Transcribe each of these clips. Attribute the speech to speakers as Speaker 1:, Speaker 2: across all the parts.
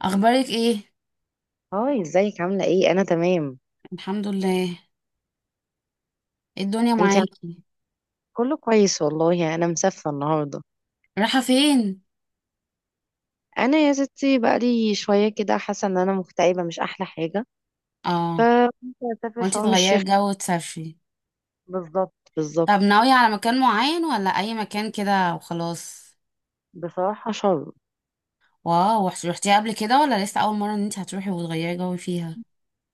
Speaker 1: اخبارك ايه؟
Speaker 2: هاي ازيك؟ عاملة ايه؟ انا تمام.
Speaker 1: الحمد لله. إيه الدنيا
Speaker 2: انت عم-
Speaker 1: معاكي؟
Speaker 2: كله كويس والله، يعني انا مسافة النهاردة.
Speaker 1: رايحه فين؟
Speaker 2: انا يا ستي بقالي شوية كده حاسة ان انا مكتئبة، مش احلى حاجة.
Speaker 1: اه.
Speaker 2: كنت هسافر
Speaker 1: قلتي
Speaker 2: شرم
Speaker 1: تغيري
Speaker 2: الشيخ.
Speaker 1: الجو وتسافري؟
Speaker 2: بالظبط بالظبط.
Speaker 1: طب ناويه على مكان معين ولا اي مكان كده وخلاص؟
Speaker 2: بصراحة شرم.
Speaker 1: واو، رحتي قبل كده ولا لسه اول مره ان انت هتروحي وتغيري جو فيها؟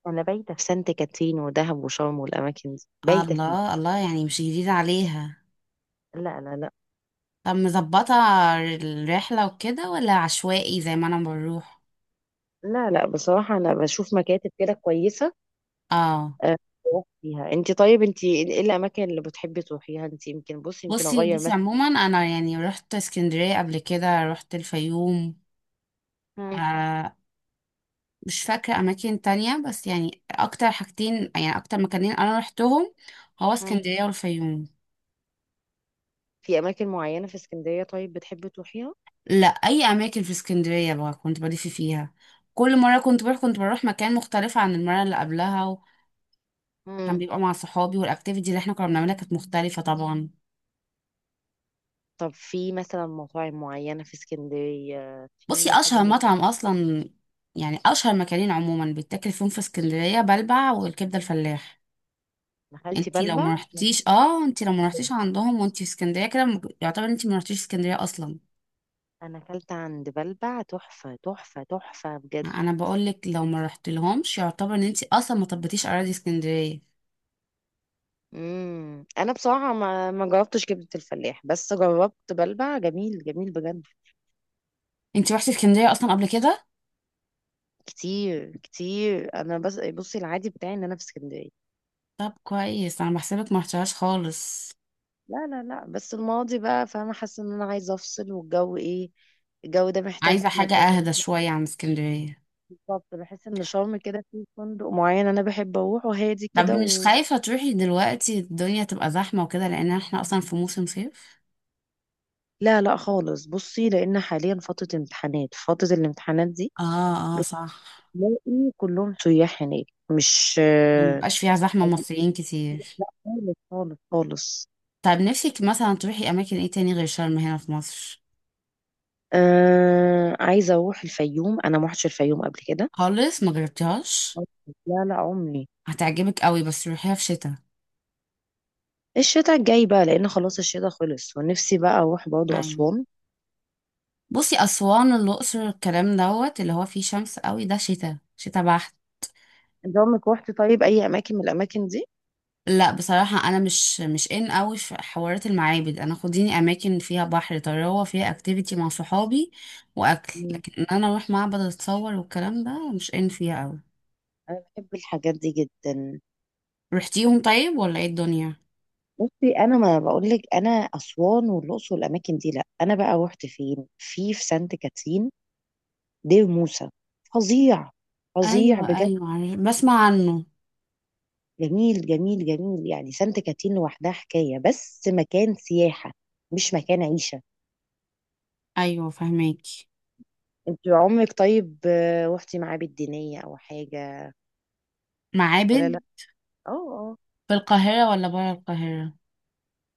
Speaker 2: انا بايتة في سانت كاترين ودهب وشرم، والاماكن دي بايتة فيها.
Speaker 1: الله الله، يعني مش جديده عليها.
Speaker 2: لا لا لا.
Speaker 1: طب مظبطه الرحله وكده، ولا عشوائي زي ما انا بروح؟
Speaker 2: لا لا، بصراحة انا بشوف مكاتب كده كويسة.
Speaker 1: اه.
Speaker 2: أه، بروح فيها. انت طيب، انت ايه الاماكن اللي بتحبي تروحيها؟ انت يمكن، بصي يمكن
Speaker 1: بصي
Speaker 2: اغير
Speaker 1: بصي،
Speaker 2: مثلا.
Speaker 1: عموما انا يعني رحت اسكندريه قبل كده، رحت الفيوم.
Speaker 2: مم،
Speaker 1: آه. مش فاكرة أماكن تانية، بس يعني أكتر حاجتين، يعني أكتر مكانين أنا روحتهم، هو
Speaker 2: مم.
Speaker 1: اسكندرية والفيوم.
Speaker 2: في اماكن معينة في اسكندرية طيب بتحبي تروحيها؟
Speaker 1: لا، أي أماكن في اسكندرية بقى كنت بلف فيها. كل مرة كنت بروح، كنت بروح مكان مختلف عن المرة اللي قبلها. وكان
Speaker 2: مم.
Speaker 1: بيبقى مع صحابي، والأكتيفيتي اللي احنا كنا بنعملها كانت مختلفة طبعا.
Speaker 2: طب في مثلا مطاعم معينة في اسكندرية،
Speaker 1: بصي،
Speaker 2: في حاجة
Speaker 1: أشهر مطعم أصلا، يعني أشهر مكانين عموما بيتاكل فيهم في اسكندرية، بلبع والكبدة الفلاح.
Speaker 2: أنا أكلت بلبع.
Speaker 1: انتي لو ما رحتيش عندهم وانتي في اسكندريه كده، يعتبر انتي ما رحتيش اسكندريه اصلا.
Speaker 2: أنا أكلت عند بلبع، تحفة تحفة تحفة بجد.
Speaker 1: انا بقول لك لو ما رحت لهمش، يعتبر ان انت اصلا ما طبتيش اراضي اسكندريه.
Speaker 2: أنا بصراحة ما جربتش كبدة الفلاح، بس جربت بلبع، جميل جميل بجد.
Speaker 1: انت رحتي اسكندريه اصلا قبل كده؟
Speaker 2: كتير كتير. أنا بس بصي، العادي بتاعي إن أنا في اسكندرية.
Speaker 1: طب كويس، انا بحسبك ما رحتهاش خالص.
Speaker 2: لا لا لا، بس الماضي بقى، فأنا حاسة إن أنا عايزة أفصل، والجو إيه، الجو ده محتاج
Speaker 1: عايزه حاجه
Speaker 2: مكان.
Speaker 1: اهدى شويه عن اسكندريه؟
Speaker 2: بالظبط، بحس ان شرم كده، في فندق معين انا بحب اروحه هادي
Speaker 1: طب
Speaker 2: كده
Speaker 1: مش خايفه تروحي دلوقتي الدنيا تبقى زحمه وكده، لان احنا اصلا في موسم صيف؟
Speaker 2: لا لا خالص، بصي لان حاليا فتره الامتحانات دي
Speaker 1: اه، اه، صح.
Speaker 2: تلاقي كلهم سياح هناك. مش
Speaker 1: مبقاش فيها زحمه مصريين كتير؟
Speaker 2: خالص خالص خالص.
Speaker 1: طب نفسك مثلا تروحي اماكن ايه تاني غير شرم هنا في مصر؟
Speaker 2: عايزه اروح الفيوم، انا ما رحتش الفيوم قبل كده.
Speaker 1: خالص، ما جربتيهاش؟
Speaker 2: لا لا، عمري.
Speaker 1: هتعجبك قوي، بس روحيها في شتاء.
Speaker 2: الشتاء الجاي بقى، لان خلاص الشتاء خلص، ونفسي بقى اروح برضه
Speaker 1: أيوة.
Speaker 2: اسوان.
Speaker 1: بصي، أسوان الأقصر الكلام دوت اللي هو فيه شمس قوي ده، شتاء شتاء بحت.
Speaker 2: انت عمرك روحتي طيب اي اماكن من الاماكن دي؟
Speaker 1: لا، بصراحة أنا مش إن قوي في حوارات المعابد، أنا خديني أماكن فيها بحر طراوة، فيها أكتيفيتي مع صحابي وأكل،
Speaker 2: مم.
Speaker 1: لكن إن أنا أروح معبد أتصور والكلام ده مش إن فيها قوي.
Speaker 2: انا بحب الحاجات دي جدا.
Speaker 1: رحتيهم طيب ولا إيه الدنيا؟
Speaker 2: بصي، انا ما بقول لك، انا اسوان والاقصر والاماكن دي لا، انا بقى رحت فين؟ في سانت كاترين، دير موسى. فظيع. فظيع
Speaker 1: أيوة،
Speaker 2: بجد.
Speaker 1: أيوة، بسمع عنه.
Speaker 2: جميل جميل جميل، يعني سانت كاترين لوحدها حكايه، بس مكان سياحه، مش مكان عيشه.
Speaker 1: أيوة، فهماكي.
Speaker 2: انت عمرك طيب، رحتي معابد دينيه او حاجه
Speaker 1: معابد.
Speaker 2: ولا لا؟ اه اه.
Speaker 1: في القاهرة ولا برا القاهرة؟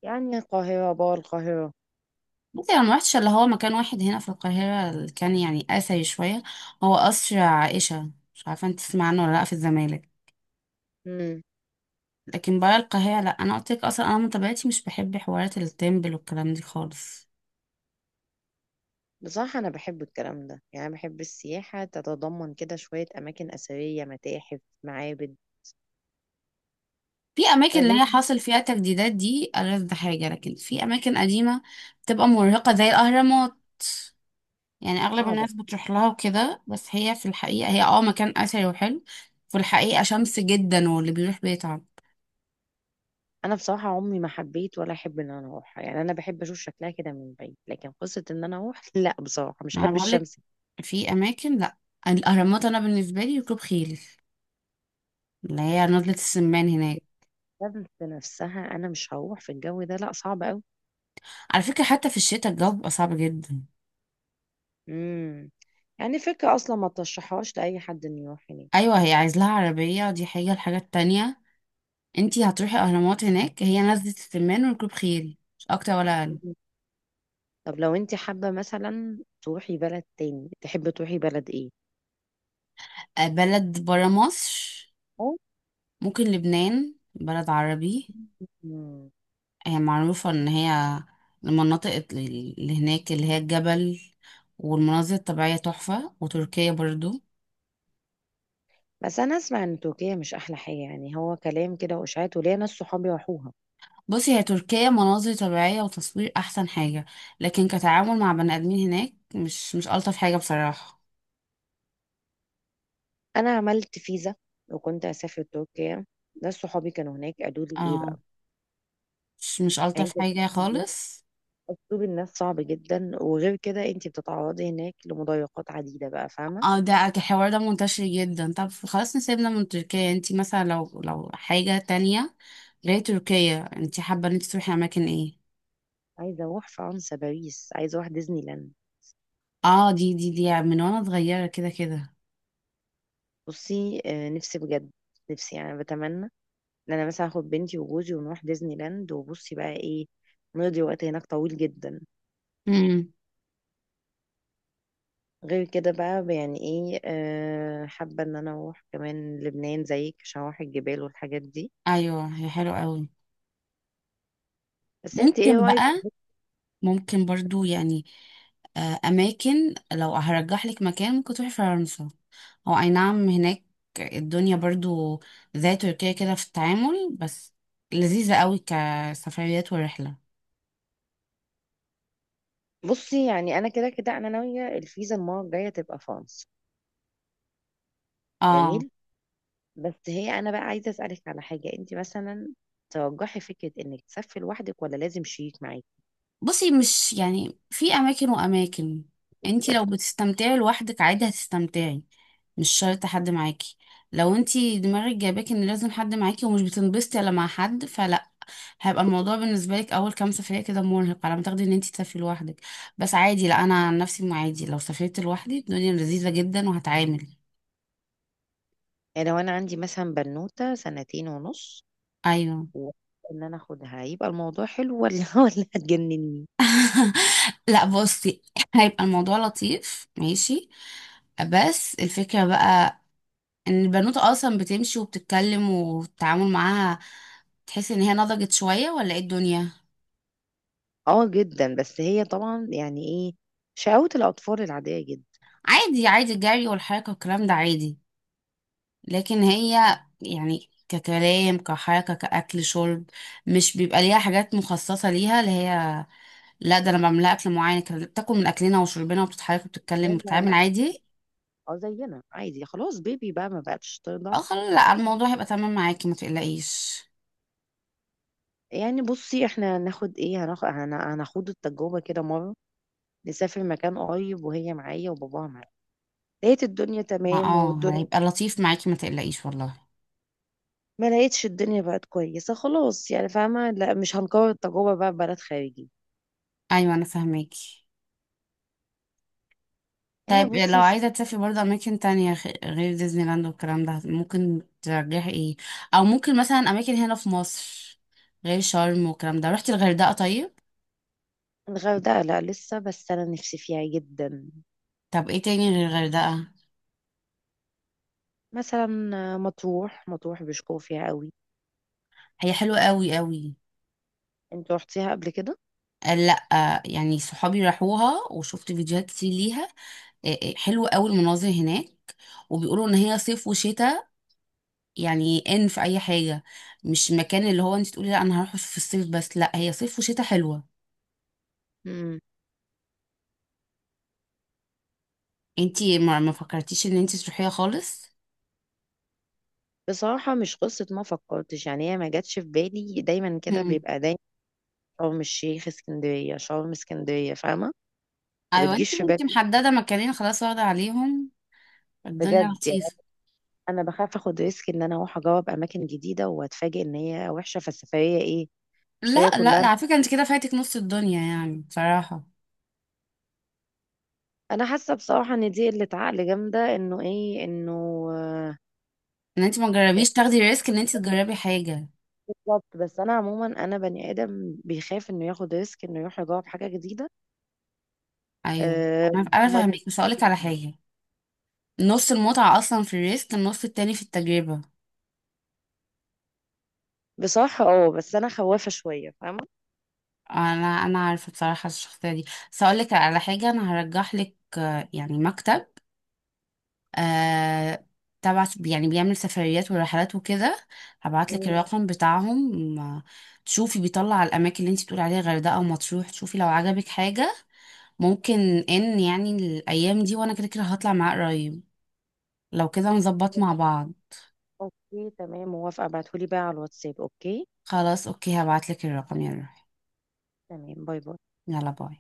Speaker 2: يعني القاهره بقى، القاهره.
Speaker 1: بصي، انا ما رحتش اللي هو مكان واحد هنا في القاهره اللي كان يعني اثري شويه. هو قصر عائشه، مش عارفه انت تسمع عنه ولا لا، في الزمالك.
Speaker 2: امم.
Speaker 1: لكن برا القاهره لا، انا قلت لك اصلا، انا من طبيعتي مش بحب حوارات التمبل والكلام دي خالص.
Speaker 2: بصراحه انا بحب الكلام ده، يعني بحب السياحه تتضمن كده شويه اماكن اثريه، متاحف، معابد.
Speaker 1: في اماكن اللي
Speaker 2: طيب.
Speaker 1: هي حاصل فيها تجديدات دي ألذ حاجه، لكن في اماكن قديمه بتبقى مرهقه زي الاهرامات. يعني اغلب
Speaker 2: صعبة.
Speaker 1: الناس بتروح لها وكده، بس هي في الحقيقه هي مكان اثري وحلو. في الحقيقه شمس جدا، واللي بيروح بيتعب.
Speaker 2: أنا بصراحة عمري ما حبيت ولا أحب إن أنا أروحها، يعني أنا بحب أشوف شكلها كده من بعيد، لكن قصة إن أنا أروح لا بصراحة مش
Speaker 1: انا
Speaker 2: أحب
Speaker 1: بقولك،
Speaker 2: الشمس.
Speaker 1: في اماكن، لا. الاهرامات انا بالنسبه لي ركوب خيل، اللي هي نضلة السمان هناك.
Speaker 2: الشمس نفسها أنا مش هروح في الجو ده، لا صعب أوي.
Speaker 1: على فكره، حتى في الشتاء الجو بيبقى صعب جدا.
Speaker 2: امم. يعني فكرة أصلا ما ترشحهاش لأي حد إنه يروح هناك.
Speaker 1: ايوه، هي عايز لها عربيه دي حاجه، الحاجه التانية، انتي هتروحي اهرامات هناك هي نزلة السمان وركوب خيل، مش اكتر ولا اقل.
Speaker 2: مم. طب لو أنت حابة مثلا تروحي بلد تاني، تحبي تروحي بلد إيه؟
Speaker 1: بلد برا مصر؟
Speaker 2: أو.
Speaker 1: ممكن لبنان، بلد عربي.
Speaker 2: مم.
Speaker 1: هي معروفه ان هي المناطق اللي هناك اللي هي الجبل والمناظر الطبيعيه تحفه، وتركيا برضو.
Speaker 2: بس أنا أسمع إن تركيا مش أحلى حاجة، يعني هو كلام كده وإشاعات، وليا ناس صحابي راحوها.
Speaker 1: بصي، هي تركيا مناظر طبيعية وتصوير أحسن حاجة، لكن كتعامل مع بني آدمين هناك مش ألطف حاجة بصراحة.
Speaker 2: انا عملت فيزا، وكنت اسافر تركيا. ناس صحابي كانوا هناك قالوا لي ايه
Speaker 1: اه،
Speaker 2: بقى.
Speaker 1: مش
Speaker 2: يعني
Speaker 1: ألطف
Speaker 2: انت،
Speaker 1: حاجة خالص.
Speaker 2: اسلوب الناس صعب جدا، وغير كده انت بتتعرضي هناك لمضايقات عديده، بقى فاهمه.
Speaker 1: اه، ده الحوار ده منتشر جدا، طب خلاص نسيبنا من تركيا، انتي مثلا لو حاجة تانية غير تركيا، انتي حابة ان انتي تروحي أماكن ايه؟
Speaker 2: عايزه اروح فرنسا، باريس، عايزه اروح ديزني لاند.
Speaker 1: اه، دي من وانا صغيرة كده كده.
Speaker 2: بصي، نفسي بجد. نفسي يعني بتمنى ان انا مثلا اخد بنتي وجوزي ونروح ديزني لاند، وبصي بقى ايه، نقضي وقت هناك طويل جدا.
Speaker 1: امم.
Speaker 2: غير كده بقى، يعني ايه، حابه ان انا اروح كمان لبنان زيك، عشان اروح الجبال والحاجات دي.
Speaker 1: ايوه، هي حلوة قوي.
Speaker 2: بس انت ايه؟
Speaker 1: ممكن بقى، ممكن برضو يعني، اماكن لو هرجح لك مكان ممكن تروحي فرنسا. هو اي نعم، هناك الدنيا برضو زي تركيا كده في التعامل، بس لذيذة قوي كسفريات ورحلة.
Speaker 2: بصي، يعني انا كده كده انا ناويه الفيزا المره الجايه تبقى فرنسا.
Speaker 1: اه،
Speaker 2: جميل. بس هي، انا بقى عايزه اسالك على حاجه، انت مثلا ترجحي فكره انك تسافري لوحدك ولا لازم شريك معاكي؟
Speaker 1: بصي، مش يعني، في اماكن واماكن. انتي لو بتستمتعي لوحدك عادي هتستمتعي، مش شرط حد معاكي. لو انتي دماغك جايباك ان لازم حد معاكي ومش بتنبسطي الا مع حد فلا، هيبقى الموضوع بالنسبه لك اول كام سفريه كده مرهق على ما تاخدي ان انت تسافري لوحدك. بس عادي، لا انا عن نفسي، ما عادي لو سافرت لوحدي الدنيا لذيذه جدا وهتعامل.
Speaker 2: يعني لو انا عندي مثلا بنوته سنتين ونص،
Speaker 1: ايوه.
Speaker 2: وان انا اخدها، يبقى الموضوع حلو ولا ولا هتجنني؟
Speaker 1: لا بصي، هيبقى الموضوع لطيف ماشي، بس الفكره بقى ان البنوتة اصلا بتمشي وبتتكلم، والتعامل معاها تحس ان هي نضجت شويه ولا ايه الدنيا؟
Speaker 2: اه جدا، بس هي طبعا يعني ايه، شقاوة الاطفال العاديه جدا.
Speaker 1: عادي عادي، الجري والحركه والكلام ده عادي. لكن هي يعني ككلام كحركة كأكل شرب، مش بيبقى ليها حاجات مخصصة ليها، اللي هي لا، ده أنا بعملها أكل معين كده، بتاكل من أكلنا وشربنا وبتتحرك
Speaker 2: لا
Speaker 1: وبتتكلم
Speaker 2: لا
Speaker 1: وبتتعامل
Speaker 2: لا.
Speaker 1: عادي.
Speaker 2: اه، زينا عادي، خلاص بيبي بقى ما بقتش ترضع.
Speaker 1: اه خلاص، لا الموضوع هيبقى تمام معاكي ما تقلقيش.
Speaker 2: يعني بصي احنا هناخد ايه، هناخد التجربة كده مرة، نسافر مكان قريب وهي معايا وباباها معايا، لقيت الدنيا
Speaker 1: ما
Speaker 2: تمام والدنيا،
Speaker 1: هيبقى لطيف معاكي ما تقلقيش والله.
Speaker 2: ما لقيتش الدنيا بقت كويسة خلاص، يعني فاهمة لا مش هنكرر التجربة بقى في بلد خارجي.
Speaker 1: أيوة، أنا فاهماكي.
Speaker 2: يعني
Speaker 1: طيب، لو
Speaker 2: بصي في
Speaker 1: عايزة تسافري برضه أماكن تانية غير ديزني لاند والكلام ده، ممكن ترجحي ايه؟ أو ممكن مثلا أماكن هنا في مصر غير شرم والكلام ده، رحتي الغردقة طيب؟
Speaker 2: الغردقة، لا لسه، بس أنا نفسي فيها جدا.
Speaker 1: طب ايه تاني غير الغردقة؟
Speaker 2: مثلا مطروح، مطروح بيشكروا فيها قوي.
Speaker 1: هي حلوة قوي قوي.
Speaker 2: انت رحتيها قبل كده؟
Speaker 1: قال لا، يعني صحابي راحوها وشفت فيديوهات كتير ليها. إيه إيه، حلوة قوي المناظر هناك. وبيقولوا ان هي صيف وشتاء، يعني ان في اي حاجة، مش مكان اللي هو انت تقولي لا انا هروح في الصيف بس، لا هي صيف وشتاء حلوة.
Speaker 2: مم.
Speaker 1: انت ما فكرتيش ان انت تروحيها خالص؟
Speaker 2: بصراحة مش قصة ما فكرتش، يعني هي ما جاتش في بالي، دايما كده
Speaker 1: مم.
Speaker 2: بيبقى دايما شرم الشيخ اسكندرية، شرم اسكندرية، فاهمة. ما
Speaker 1: ايوه، انت
Speaker 2: بتجيش في بالي،
Speaker 1: انت محددة مكانين خلاص واخدة عليهم. الدنيا
Speaker 2: بجد يعني،
Speaker 1: لطيفة.
Speaker 2: انا بخاف اخد ريسك ان انا اروح اجرب اماكن جديدة واتفاجئ ان هي وحشة، فالسفرية ايه،
Speaker 1: لا،
Speaker 2: السفرية
Speaker 1: لا،
Speaker 2: كلها.
Speaker 1: على فكرة انت كده فاتك نص الدنيا يعني بصراحة،
Speaker 2: انا حاسة بصراحة ان دي قلة عقل جامدة، انه ايه انه آه،
Speaker 1: ان انت ما تجربيش تاخدي ريسك ان انت تجربي حاجه.
Speaker 2: بالظبط. بس انا عموما انا بني ادم بيخاف انه ياخد ريسك، انه يروح يجرب حاجة جديدة.
Speaker 1: ايوه،
Speaker 2: أه.
Speaker 1: انا
Speaker 2: وما
Speaker 1: فاهمك، مش هقولك على
Speaker 2: تبقاش-
Speaker 1: حاجه. نص المتعه اصلا في الريسك، النص التاني في التجربه.
Speaker 2: بصراحة بس انا خوافة شوية، فاهمة.
Speaker 1: انا عارفه بصراحه الشخصيه دي. بس هقولك على حاجه، انا هرجح لك يعني مكتب، آه تبع يعني بيعمل سفريات ورحلات وكده. هبعت لك
Speaker 2: مم.
Speaker 1: الرقم بتاعهم. تشوفي بيطلع الاماكن اللي انت بتقولي عليها غردقه ومطروح، تشوفي لو عجبك حاجه. ممكن ان يعني الايام دي وانا كده كده هطلع معاه قريب، لو كده نظبط مع بعض.
Speaker 2: اوكي تمام، موافقة، ابعتهولي بقى على الواتساب. اوكي
Speaker 1: خلاص، اوكي، هبعتلك الرقم يا روحي.
Speaker 2: تمام، باي باي.
Speaker 1: يلا باي.